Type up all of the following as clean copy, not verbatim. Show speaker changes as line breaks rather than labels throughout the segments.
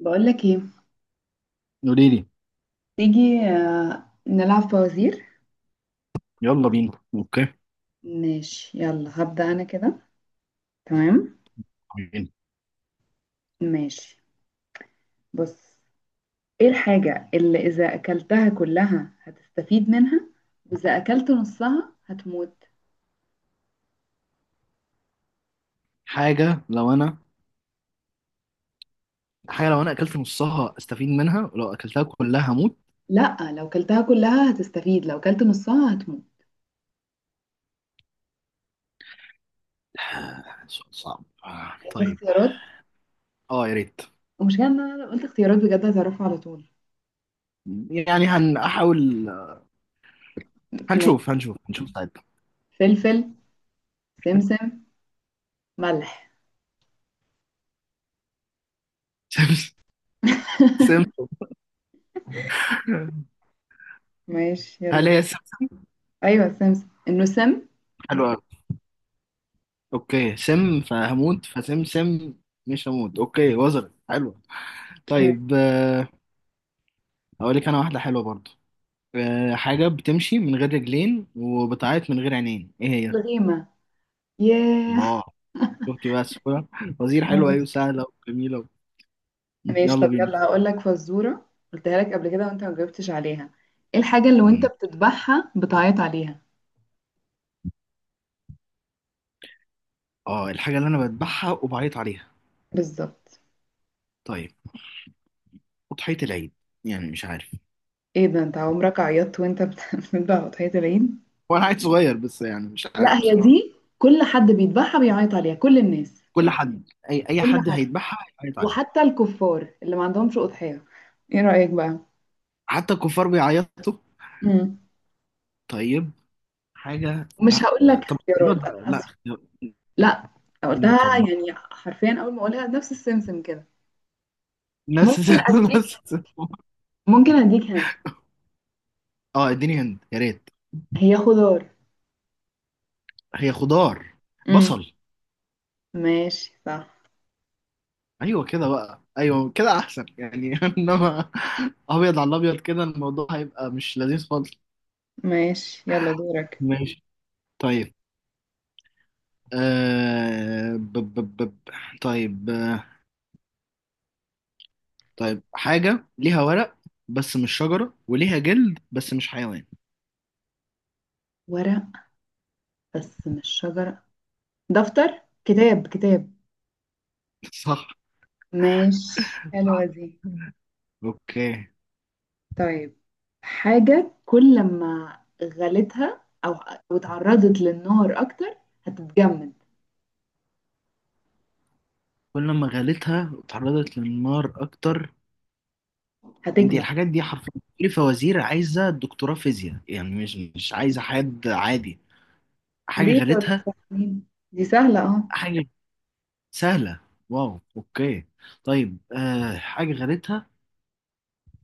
بقولك ايه؟
قولي لي.
تيجي نلعب فوازير.
يلا بينا، اوكي.
ماشي، يلا هبدأ انا كده. تمام.
بينا.
ماشي. بص. ايه الحاجة اللي اذا اكلتها كلها هتستفيد منها واذا اكلت نصها هتموت؟
حاجة لو انا حاجة لو انا اكلت نصها استفيد منها، ولو اكلتها كلها هموت.
لا، لو اكلتها كلها هتستفيد، لو اكلت نصها هتموت.
سؤال صعب،
عايزة
طيب.
اختيارات؟
اه، يا ريت.
ومش ان انا لو قلت اختيارات بجد هتعرفها على طول.
يعني هنحاول،
ماشي.
هنشوف هنشوف هنشوف ساعتها.
فلفل، سمسم، ملح.
سم سم.
ماشي يلا
هل
دول.
هي سم؟
ايوه، سمسم انه سم.
حلوة أوي. اوكي، سم فهموت، فسم سم مش هموت. اوكي، وزر حلوة.
ماشي.
طيب، اقول لك انا واحدة حلوة برضو. حاجة بتمشي من غير رجلين وبتعيط من غير عينين، ايه هي؟
الغيمة. ياه.
الله، شفتي بس. وزير حلوة، أيوة، سهلة وجميلة.
ماشي،
يلا
طب
بينا.
يلا هقول لك فزورة. قلتها لك قبل كده وانت ما جاوبتش عليها. ايه الحاجة اللي وانت
مم.
بتذبحها بتعيط عليها؟
اه، الحاجة اللي أنا بذبحها وبعيط عليها؟
بالظبط.
طيب، أضحية العيد. يعني مش عارف.
ايه ده، انت عمرك عيطت وانت بتذبح اضحية العيد؟
هو أنا عيل صغير بس، يعني مش
لا،
عارف
هي
بصراحة.
دي كل حد بيذبحها بيعيط عليها، كل الناس،
كل حد، أي
كل
حد
حد.
هيذبحها هيعيط عليها.
وحتى الكفار اللي ما عندهمش أضحية، ايه رأيك بقى؟
حتى الكفار بيعيطوا.
امم
طيب، حاجة.
مش
لا
هقول لك
لا، طب
اختيارات،
اختيارات
انا
بقى. لا
اسفة.
اختيار-
لا. أنا
طب
قلتها
ما
يعني حرفيا، اول ما اقولها نفس السمسم كده.
ناس
ممكن اديك
ناس.
ممكن اديك هنت.
اه، اديني هند يا ريت.
هي خضار.
هي خضار.
امم
بصل.
ماشي صح.
ايوه كده بقى، ايوه كده احسن يعني. انما ابيض على الابيض كده، الموضوع هيبقى مش لذيذ خالص.
ماشي يلا دورك.
ماشي. طيب آه... ب... ب... ب... ب- طيب طيب، حاجة ليها ورق بس مش شجرة، وليها جلد بس مش حيوان.
ورق، بس مش شجرة. دفتر، كتاب، كتاب.
صح،
ماشي، حلوة دي.
اوكي.
طيب، حاجة كل ما غلتها أو اتعرضت للنار أكتر هتتجمد.
كل ما غليتها وتعرضت للنار اكتر. انت
هتجمد.
الحاجات دي حرفيا، كل فوازير عايزة دكتوراه فيزياء، يعني مش عايزة حد عادي. حاجة
ليه؟ طول
غليتها.
سخنين، دي سهلة. اه،
حاجة سهلة. واو، اوكي. طيب حاجة غريتها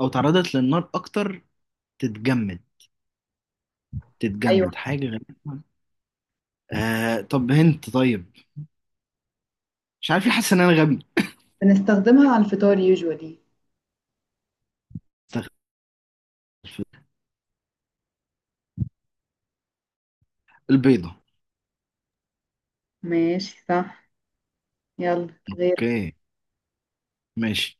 او تعرضت للنار اكتر، تتجمد.
أيوة،
تتجمد حاجة غريتها. طب هنت. طيب، مش عارف ليه حاسس ان انا غبي.
بنستخدمها على الفطار يوجوالي.
استغفر الله. البيضة.
ماشي صح، يلا غير.
اوكي، ماشي.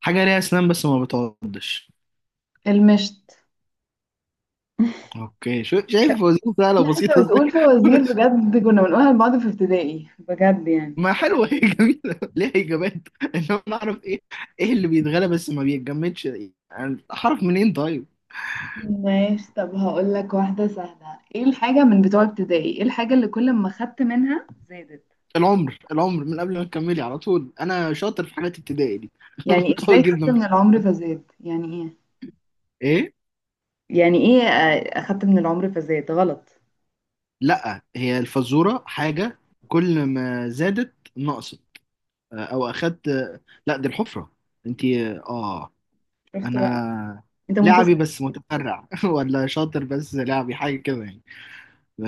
حاجة ليها اسنان بس ما بتعضش.
المشت.
اوكي، شو شايف وظيفة سهلة
لا، انت
وبسيطة ازاي.
بتقول فوازير بجد، كنا بنقولها لبعض في ابتدائي بجد يعني.
ما حلوة، هي جميلة، ليها اجابات، انما نعرف ايه؟ ايه اللي بيتغلى بس ما بيتجمدش يعني؟ اعرف منين؟ طيب،
ماشي، طب هقول لك واحدة سهلة. ايه الحاجة من بتوع ابتدائي، ايه الحاجة اللي كل ما خدت منها زادت؟
العمر. العمر، من قبل ما تكملي على طول انا شاطر في حاجات ابتدائي دي.
يعني
قوي
ازاي خدت
جدا في
من العمر
الحاجات.
فزاد، يعني ايه؟
ايه؟
يعني ايه؟ اخدت من العمر فزاد غلط.
لا، هي الفزوره حاجه كل ما زادت نقصت او اخدت. لا دي الحفره. انت. اه.
شفت بقى،
انا
انت
لعبي
متسرع.
بس متفرع. ولا شاطر، بس لعبي حاجه كده يعني.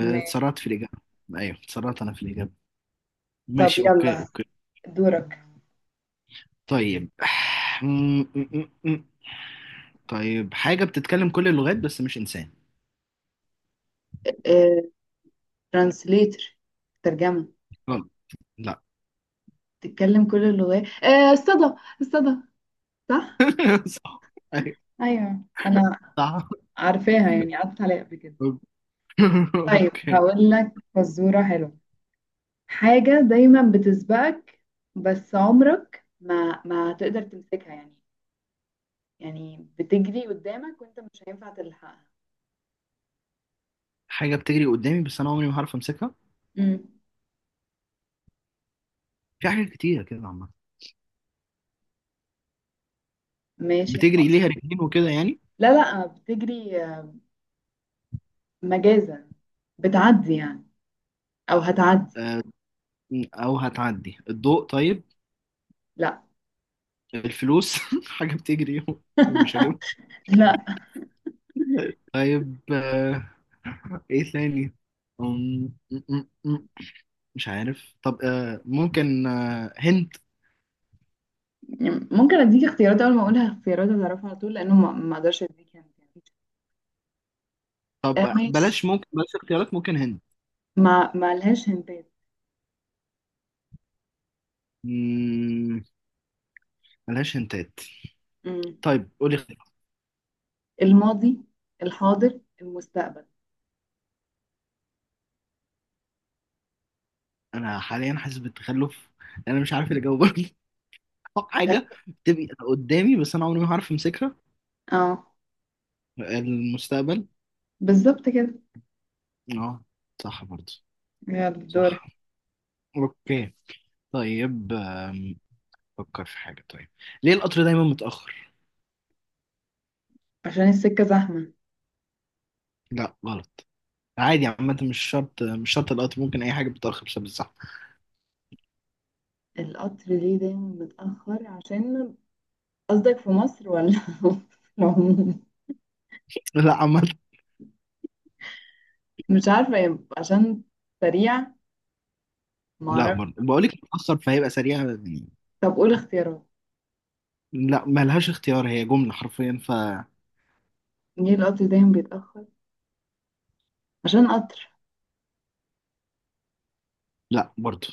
ماشي،
في الاجابه. ايوه، اتسرعت انا في الاجابه.
طب
ماشي، اوكي
يلا
اوكي.
دورك.
طيب. طيب، حاجه بتتكلم كل اللغات بس مش انسان.
ترانسليتر. ترجمة.
غلط، لا.
تتكلم كل اللغات. الصدى. الصدى، صح.
صح. أيوة،
ايوه، انا
صح.
عارفاها يعني، قعدت عليها قبل كده. طيب
اوكي.
هقول لك فزورة حلوة. حاجة دايما بتسبقك، بس عمرك ما تقدر تمسكها يعني، يعني بتجري قدامك وانت مش هينفع تلحقها.
حاجة بتجري قدامي بس انا عمري ما هعرف امسكها.
امم
في حاجات كتيرة كده عامة
ماشي.
بتجري ليها رجلين وكده يعني.
لا، لا، بتجري، مجازا. بتعدي يعني. او هتعدي.
آه، او هتعدي الضوء؟ طيب،
لا.
الفلوس. حاجة بتجري ومش هجيبها.
لا.
طيب، ايه تاني؟ أم، م- م- م- مش عارف. طب ممكن، هنت.
يعني ممكن اديك اختيارات، اول ما اقولها اختيارات هتعرفها على طول، لانه ما اقدرش اديك هنت يعني.
طب
ماشي،
بلاش، ممكن بلاش اختيارات، ممكن هنت.
ما لهاش هنتات.
مم، بلاش هنتات.
مم.
طيب، قولي.
الماضي، الحاضر، المستقبل.
انا حاليا حاسس بالتخلف، انا مش عارف اللي جاوبني.
أس-
حاجه بتبقى قدامي بس انا عمري ما هعرف امسكها.
اه،
المستقبل.
بالظبط كده.
اه، صح برضه.
يلا دورك.
صح، اوكي. طيب، فكر في حاجه. طيب، ليه القطر دايما متاخر؟
عشان السكة زحمة.
لا غلط. عادي عامه، مش شرط، مش شرط القطر، ممكن اي حاجه بتتاخر بسبب الزحمه.
القطر ليه دايما متأخر؟ عشان قصدك في مصر ولا في العموم.
لا عامه.
مش عارفة، عشان سريع،
لا
معرفش.
برضه بقول لك متاخر فهيبقى سريع يعني.
طب قول اختيارات.
لا ملهاش اختيار، هي جمله حرفيا.
ليه القطر دايما بيتأخر؟ عشان قطر.
لا برضه.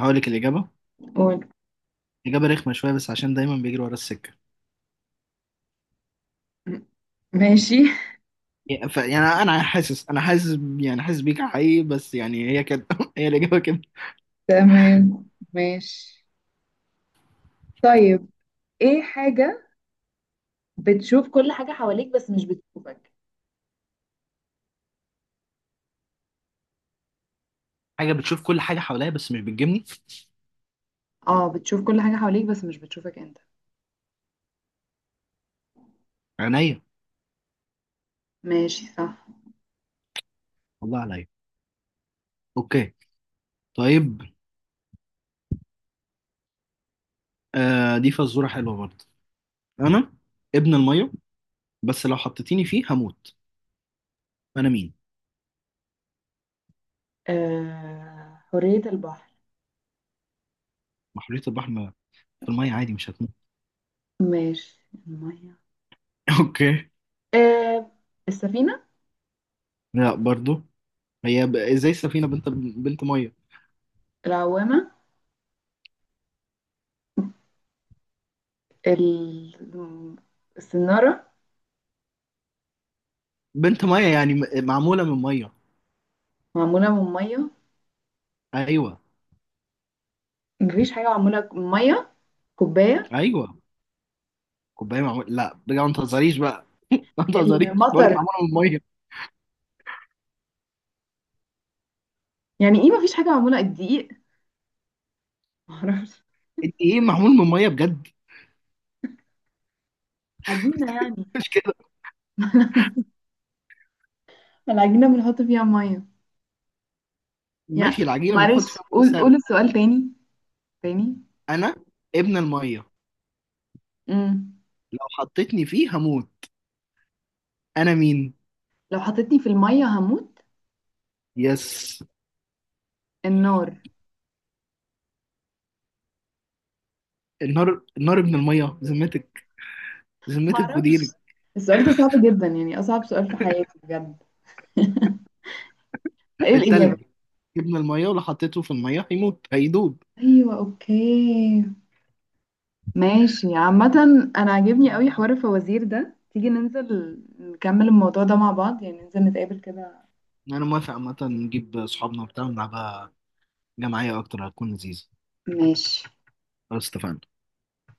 هقول لك الاجابه.
قول.
إجابة رخمة شوية، بس عشان دايما بيجري ورا السكة.
ماشي.
يعني أنا حاسس يعني حاسس بيك حقيقي، بس يعني هي كده. هي الإجابة كده.
تمام. ماشي. طيب. ايه حاجة بتشوف كل حاجة حواليك بس مش بتشوفك؟
حاجة بتشوف كل حاجة حواليها بس مش بتجيبني.
اه، بتشوف كل حاجة حواليك بس مش بتشوفك انت.
عينيا،
ماشي صح.
والله عليا. أوكي، طيب. آه، دي فزورة حلوة برضه. أنا ابن المية، بس لو حطيتيني فيه هموت. أنا مين؟
حرية البحر.
محرية البحر في المية عادي مش هتموت.
ماشي. المية.
أوكي.
آه السفينة.
لا برضه. هي إزاي السفينة بنت مية؟
العوامة. ال- السنارة.
بنت مية يعني معمولة من مية.
معمولة من مية؟
أيوه.
مفيش حاجة معمولة من مية. كوباية.
أيوه كوبايه معمول، لا بجد ما تهزريش بقى. ما تهزريش، بقول لك
المطر.
معموله من ميه.
يعني ايه مفيش حاجة معمولة؟ الدقيق. معرفش.
انت ايه معمول من ميه بجد؟
عجينة يعني.
مش كده.
العجينة بنحط فيها مية يعني.
ماشي، العجينه
معلش،
بنحط فيها ميه بس.
قول، قول السؤال تاني. تاني.
انا ابن الميه،
امم
لو حطيتني فيه هموت، انا مين؟
لو حطيتني في المية هموت.
يس.
النار.
النار. النار ابن الميه؟ ذمتك، ذمتك
معرفش.
وديرك.
السؤال ده صعب جدا يعني، أصعب سؤال في حياتي بجد. ايه الإجابة؟
التلج، ابن الميه ولو حطيته في الميه هيموت، هيدوب.
أيوة أوكي. ماشي عامة، أنا عاجبني قوي حوار الفوازير ده. تيجي ننزل نكمل الموضوع ده مع بعض يعني، ننزل نتقابل كده.
انا موافق عامه، نجيب صحابنا وبتاع ونلعبها جماعيه اكتر، هتكون لذيذه.
ماشي.
خلاص، اتفقنا.